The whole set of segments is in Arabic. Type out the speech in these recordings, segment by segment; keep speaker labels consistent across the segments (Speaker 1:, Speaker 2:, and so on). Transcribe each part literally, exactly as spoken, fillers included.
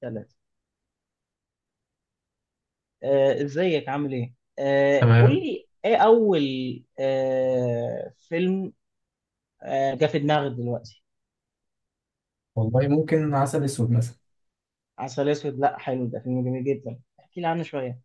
Speaker 1: ثلاثة. آه، ازيك، عامل ايه؟ آه، قول
Speaker 2: تمام.
Speaker 1: لي ايه اول آه، فيلم آه، جه في دماغك دلوقتي؟
Speaker 2: والله ممكن عسل اسود مثلا.
Speaker 1: عسل اسود؟ لا، حلو، ده فيلم جميل جدا، احكي لي عنه شوية.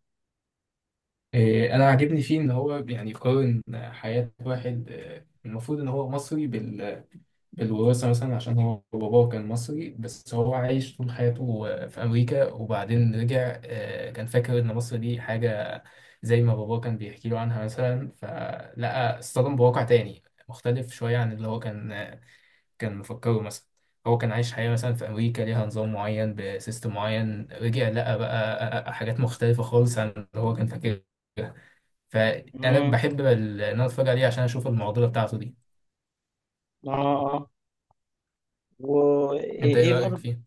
Speaker 2: إيه، انا عاجبني فيه ان هو يعني يقارن حياة واحد، آه، المفروض ان هو مصري بال... بالوراثة مثلا، عشان هو باباه كان مصري، بس هو عايش طول حياته آه، في امريكا، وبعدين رجع. آه، كان فاكر ان مصر دي حاجة زي ما باباه كان بيحكي له عنها مثلا، فلقى اصطدم بواقع تاني مختلف شوية عن اللي هو كان كان مفكره مثلا. هو كان عايش حياة مثلا في أمريكا، ليها نظام معين، بسيستم معين، رجع لقى بقى حاجات مختلفة خالص عن اللي هو كان فاكرها. فأنا
Speaker 1: امم
Speaker 2: بحب ال- إن أنا أتفرج عليه عشان أشوف المعضلة بتاعته دي.
Speaker 1: اه. اه. وايه
Speaker 2: أنت إيه
Speaker 1: ايه
Speaker 2: رأيك
Speaker 1: برضه؟
Speaker 2: فيه؟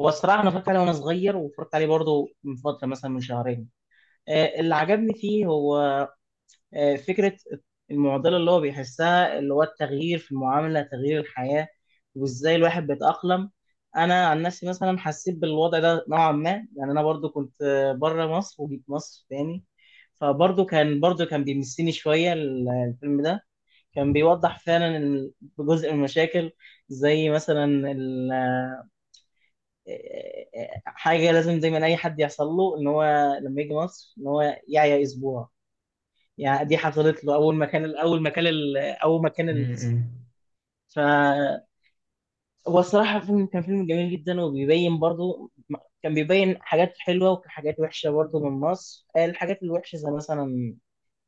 Speaker 1: هو الصراحة انا اتفرجت عليه وانا صغير، واتفرجت عليه برضه من فترة، مثلا من شهرين. آه، اللي عجبني فيه هو آه، فكرة المعضلة اللي هو بيحسها، اللي هو التغيير في المعاملة، تغيير الحياة، وازاي الواحد بيتأقلم. انا عن نفسي مثلا حسيت بالوضع ده نوعا ما، يعني انا برضو كنت آه، بره مصر وجيت مصر تاني، فبرضو كان برضو كان بيمسني شوية ال- الفيلم ده. كان بيوضح فعلا ال- جزء من المشاكل، زي مثلا ال- آه، آه، آه، حاجة لازم دايما اي حد يحصل له، ان هو لما يجي مصر ان هو يعيا اسبوع. يعني دي حصلت له اول ما كان اول ما كان ال- اول ما كان الكسي.
Speaker 2: مم.
Speaker 1: ف هو الصراحه، فيلم كان فيلم جميل جدا، وبيبين برضو، كان بيبين حاجات حلوه وحاجات وحشه برضو من مصر. الحاجات الوحشه زي مثلا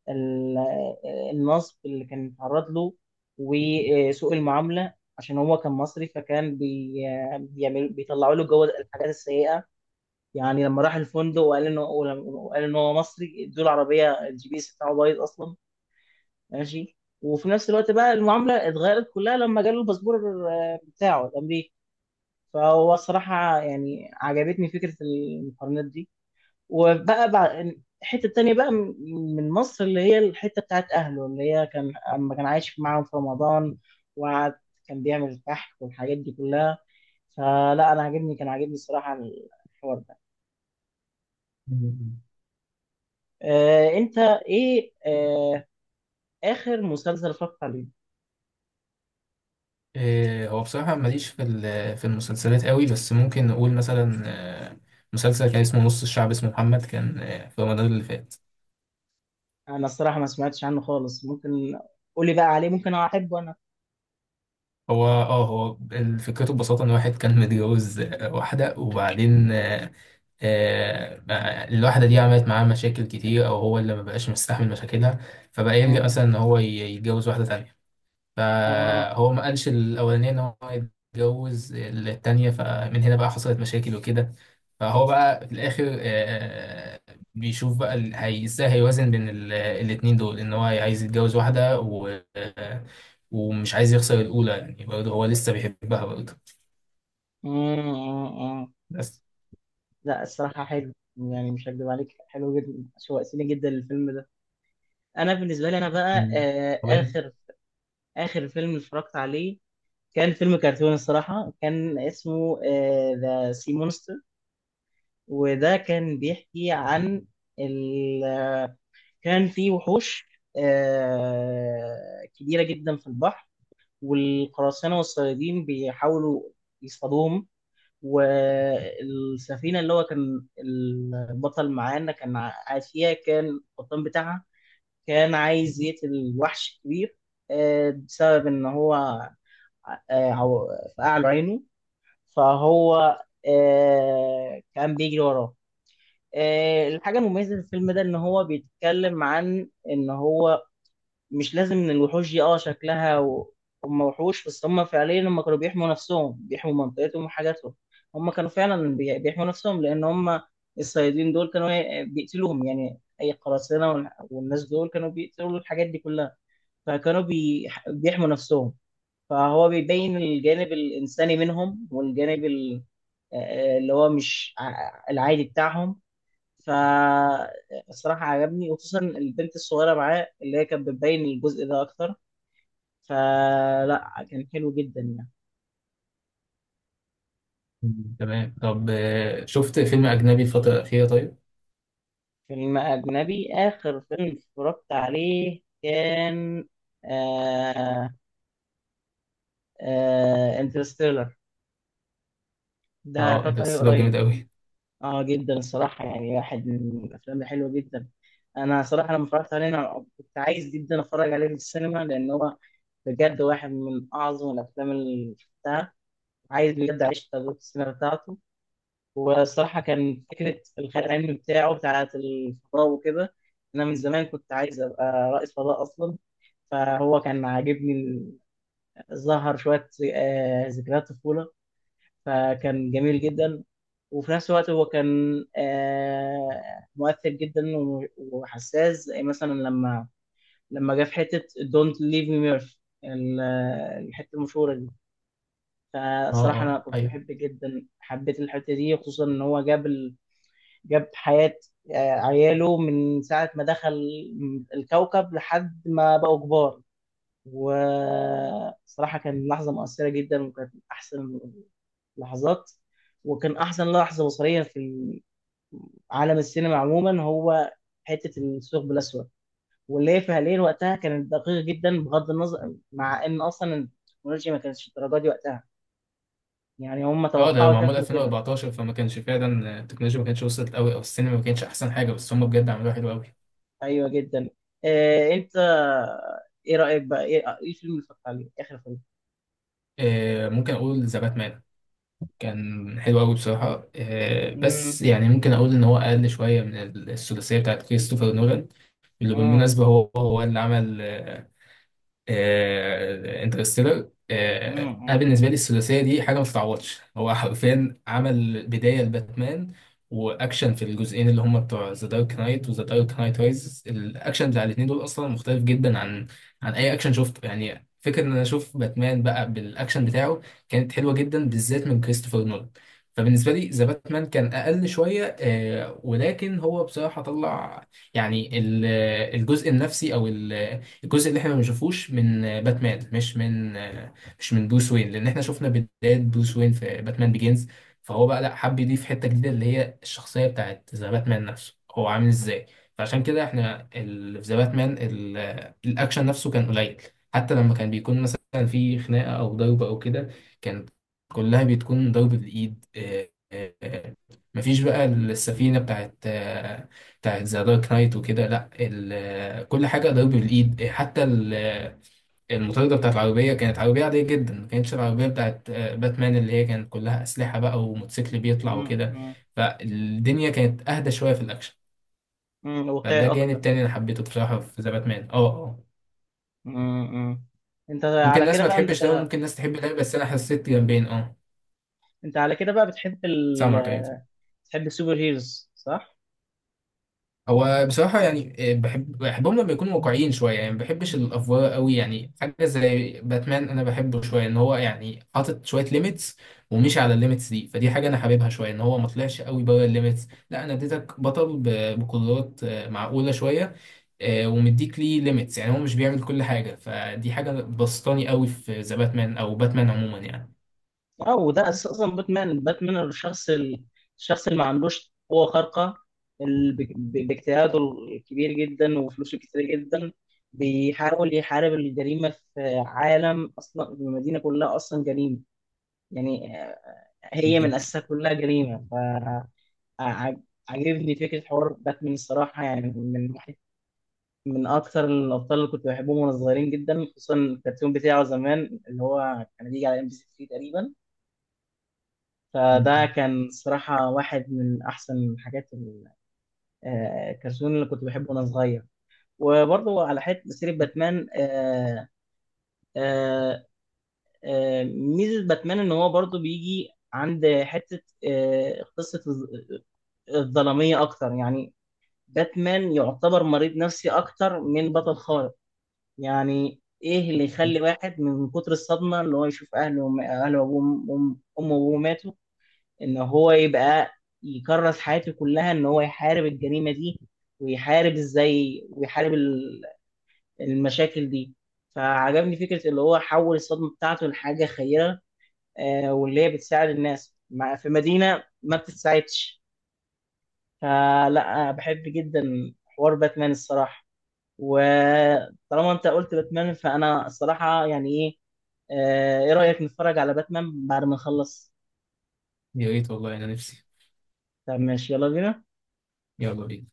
Speaker 1: ال- النصب اللي كان اتعرض له، وسوء المعامله، عشان هو كان مصري، فكان بي... بيعمل بيطلعوا له جوه الحاجات السيئه. يعني لما راح الفندق وقال انه وقال انه هو مصري، ادوا له عربيه الجي بي اس بتاعه بايظ اصلا، ماشي. وفي نفس الوقت بقى المعامله اتغيرت كلها لما جاله الباسبور آه، بتاعه الامريكي. فهو الصراحه يعني عجبتني فكره المقارنات دي. وبقى بعد الحته التانيه بقى م- من مصر، اللي هي الحته بتاعت اهله، اللي هي كان اما كان عايش معاهم في رمضان، وقعد كان بيعمل الكحك والحاجات دي كلها. فلا انا عاجبني، كان عاجبني الصراحه الحوار ده.
Speaker 2: مم.
Speaker 1: آه انت، ايه آه اخر مسلسل اتفرجت عليه؟
Speaker 2: إيه، هو بصراحة ماليش في ال- في المسلسلات قوي، بس ممكن نقول مثلا آه، مسلسل كان اسمه نص الشعب، اسمه محمد، كان آه، في رمضان اللي فات.
Speaker 1: انا الصراحه ما سمعتش عنه خالص، ممكن قولي بقى عليه، ممكن احبه انا.
Speaker 2: هو اه، هو ال- فكرته ببساطة ان واحد كان متجوز آه، واحدة، وبعدين آه، آه، الواحدة دي عملت معاه مشاكل كتير، أو هو اللي مبقاش مستحمل مشاكلها، فبقى يلجأ
Speaker 1: مم.
Speaker 2: مثلا إن هو ي- يتجوز واحدة تانية.
Speaker 1: اه.
Speaker 2: فهو ما قالش الأولانية إن هو يتجوز التانية، فمن هنا بقى حصلت مشاكل وكده. فهو بقى في الآخر آه، آه، بيشوف بقى ال- هي- إزاي هيوازن بين ال- الاتنين دول، إن هو عايز يتجوز واحدة، و آه، ومش عايز يخسر الأولى، يعني برضه هو لسه بيحبها برضه،
Speaker 1: مم. مم. مم.
Speaker 2: بس.
Speaker 1: لا الصراحه حلو، يعني مش هكدب عليك، حلو جدا، شوقتني جدا للفيلم ده. انا بالنسبه لي انا بقى
Speaker 2: مم.
Speaker 1: آه
Speaker 2: طب أنت.
Speaker 1: اخر اخر فيلم اتفرجت عليه كان فيلم كرتون الصراحه، كان اسمه ذا سي مونستر. وده كان بيحكي عن ال... كان في وحوش آه كبيره جدا في البحر، والقراصنة والصيادين بيحاولوا يصطادوهم، والسفينة اللي هو كان البطل معانا كان قاعد فيها، كان القبطان بتاعها كان عايز يقتل الوحش الكبير، آه، بسبب إن هو آه، عو- فقع له عينه. فهو آه، كان بيجري وراه. آه، الحاجة المميزة في الفيلم ده إن هو بيتكلم عن إن هو مش لازم ان الوحوش دي اه شكلها و... هم وحوش، بس هم فعليا هم كانوا بيحموا نفسهم، بيحموا منطقتهم وحاجاتهم. هم كانوا فعلا بي- بيحموا نفسهم، لان هم الصيادين دول كانوا هي- بيقتلوهم، يعني اي قراصنة وال- والناس دول كانوا بيقتلوا الحاجات دي كلها، فكانوا بي... بيحموا نفسهم. فهو بيبين الجانب الانساني منهم، والجانب ال... آه، اللي هو مش ع- العادي بتاعهم. فالصراحة عجبني، وخصوصا البنت الصغيرة معاه اللي هي كانت بتبين الجزء ده أكتر، فلا كان حلو جدا يعني.
Speaker 2: مم. تمام. طب آه، شفت فيلم أجنبي الفترة الأخيرة طيب؟
Speaker 1: فيلم أجنبي؟ آخر فيلم اتفرجت عليه كان آه آه انترستيلر. ده
Speaker 2: اه،
Speaker 1: اتفرجت عليه
Speaker 2: انترستيلر جامد
Speaker 1: قريب.
Speaker 2: أوي.
Speaker 1: اه، جدا الصراحة، يعني واحد من الأفلام الحلوة جدا. أنا صراحة لما اتفرجت عليه، أنا كنت عايز جدا أتفرج عليه في السينما، لأن هو بجد واحد من أعظم الأفلام اللي شفتها، عايز بجد أعيش تجربة السينما بتاعته. والصراحة كان فكرة الخيال العلمي بتاعه، بتاعة الفضاء وكده، أنا من زمان كنت عايز أبقى رائد فضاء أصلا، فهو كان عاجبني، ظهر شوية آه، ذكريات طفولة، فكان جميل جدا. وفي نفس الوقت هو كان آه، مؤثر جدا و- وحساس، زي مثلا لما لما جه في حتة Don't Leave Me Murphy، ال- الحتة المشهورة دي.
Speaker 2: اه
Speaker 1: فالصراحة أنا
Speaker 2: اه،
Speaker 1: كنت
Speaker 2: أيوه.
Speaker 1: بحب جدا، حبيت الحتة دي، خصوصا إن هو جاب جاب حياة آه، عياله من ساعة ما دخل الكوكب لحد ما بقوا كبار. وصراحة كان لحظة مؤثرة جدا، وكانت من أحسن لحظات. وكان أحسن لحظة بصرية في عالم السينما عموما هو حتة الثقب الأسود، واللي هي فعليا وقتها كانت دقيقة جدا، بغض النظر مع إن أصلا التكنولوجيا ما كانتش الدرجة دي وقتها، يعني هم
Speaker 2: اه، ده
Speaker 1: توقعوا
Speaker 2: معمول
Speaker 1: شكله كده.
Speaker 2: ألفين وأربعتاشر، فما كانش فعلا آه، التكنولوجيا ما كانتش وصلت أوي، أو السينما ما كانتش أحسن حاجة، بس هم بجد عملوها حلو أوي.
Speaker 1: ايوه جدا. آه، انت، ايه رايك بقى؟ ايه إيه الفيلم اللي اتفرجت عليه، اخر فيلم؟
Speaker 2: آه ممكن أقول ذا باتمان. كان حلو أوي بصراحة، آه
Speaker 1: مم.
Speaker 2: بس يعني ممكن أقول إن هو أقل شوية من الثلاثية بتاعت كريستوفر نولان، اللي
Speaker 1: مم.
Speaker 2: بالمناسبة هو هو اللي عمل آه، آه، انترستيلر. آه، انا
Speaker 1: مم.
Speaker 2: بالنسبه لي الثلاثيه دي حاجه ما تتعوضش. هو حرفيا عمل بدايه لباتمان واكشن في الجزئين اللي هم بتوع ذا دارك نايت وذا دارك نايت رايز. الاكشن بتاع الاثنين دول اصلا مختلف جدا عن عن اي اكشن شفته، يعني فكره ان انا اشوف باتمان بقى بالاكشن بتاعه كانت حلوه جدا، بالذات من كريستوفر نولان. فبالنسبه لي، ذا باتمان كان اقل شويه، آه، ولكن هو بصراحه طلع يعني ال- الجزء النفسي، او ال الجزء اللي احنا ما بنشوفوش من آه، باتمان، مش من آه، مش من بروس وين، لان احنا شفنا بداية بروس وين في باتمان بيجينز. فهو بقى لا، حب يضيف حتة جديدة، اللي هي الشخصية بتاعت ذا باتمان نفسه هو عامل ازاي. فعشان كده احنا ال- في ذا باتمان ال- آه، الاكشن نفسه كان قليل. حتى لما كان بيكون مثلا في خناقة او ضرب او كده، كانت كلها بتكون ضرب بالايد آه، آه، آه. مفيش بقى السفينة بتاعت آه، بتاعت ذا دارك نايت وكده، لا، ال- كل حاجه ضرب بالايد. حتى ال- المطارده بتاعت العربيه كانت عربيه عاديه جدا، ما كانتش العربيه بتاعت آه، باتمان اللي هي كانت كلها اسلحه بقى، وموتوسيكل بيطلع
Speaker 1: مم.
Speaker 2: وكده.
Speaker 1: مم.
Speaker 2: فالدنيا كانت اهدى شويه في الاكشن.
Speaker 1: مم، واقعي
Speaker 2: فده جانب
Speaker 1: اكتر.
Speaker 2: تاني انا حبيته بصراحه في ذا باتمان. اه اه.
Speaker 1: مم. مم. انت
Speaker 2: ممكن
Speaker 1: على
Speaker 2: الناس
Speaker 1: كده
Speaker 2: ما
Speaker 1: بقى
Speaker 2: تحبش ده،
Speaker 1: انت
Speaker 2: وممكن الناس تحب ده، بس انا حسيت جنبين. اه.
Speaker 1: انت على كده بقى بتحب ال...
Speaker 2: سامعك، ايوه.
Speaker 1: بتحب السوبر هيروز، صح؟
Speaker 2: هو بصراحة يعني آه، بحب بحبهم لما يكونوا واقعيين شوية، يعني ما بحبش الأفوار قوي. يعني حاجة زي باتمان أنا بحبه شوية، إن هو يعني حاطط شوية ليميتس، ومشي على الليميتس دي. فدي حاجة أنا حاببها شوية، إن هو ما طلعش قوي بره الليميتس، لا، أنا اديتك بطل ب- بقدرات آه، معقولة شوية، آه، ومديك ليه ليميتس، يعني هو مش بيعمل كل حاجة. فدي حاجة بسطاني قوي في ذا باتمان، أو باتمان عموما، يعني.
Speaker 1: اه، وده اساس اصلا باتمان. باتمان الشخص ال- الشخص اللي ما عندوش قوه خارقه، اللي ب- ب- باجتهاده الكبير جدا وفلوسه كتير جدا، بيحاول يحارب الجريمه في عالم اصلا المدينه كلها اصلا جريمه، يعني آه، هي من
Speaker 2: بالظبط.
Speaker 1: اساسها كلها جريمه. فعجبني فكره حوار باتمان الصراحه، يعني من واحد من اكثر الابطال اللي فده
Speaker 2: مم.
Speaker 1: كان صراحة واحد من أحسن حاجات ال- آه، الكرتون اللي كنت بحبه وأنا صغير. وبرضه على حتة سيرة باتمان، آه، آه، آه، ميزة باتمان إن هو برضه بيجي عند حتة آه، قصة الظ- الظلامية أكتر. يعني باتمان يعتبر مريض نفسي أكتر من بطل خارق. يعني إيه اللي يخلي واحد من كتر الصدمة اللي هو يشوف أهله وم- أهله وأبوه أم- أمه وأبوه ماتوا، ان هو يبقى يكرس حياته كلها ان هو يحارب الجريمة دي، ويحارب ازاي، ويحارب ال- المشاكل دي. فعجبني فكرة اللي هو حول الصدمة بتاعته لحاجة خيرة، آه، واللي هي بتساعد الناس مع- في مدينة ما بتتساعدش. فلا بحب جدا حوار باتمان الصراحة. وطالما انت قلت باتمان، فانا الصراحة، يعني ايه آه، ايه رأيك نتفرج على باتمان بعد ما نخلص؟
Speaker 2: يا ريت والله، أنا نفسي.
Speaker 1: طب ماشي، يلا بينا.
Speaker 2: يلا بينا.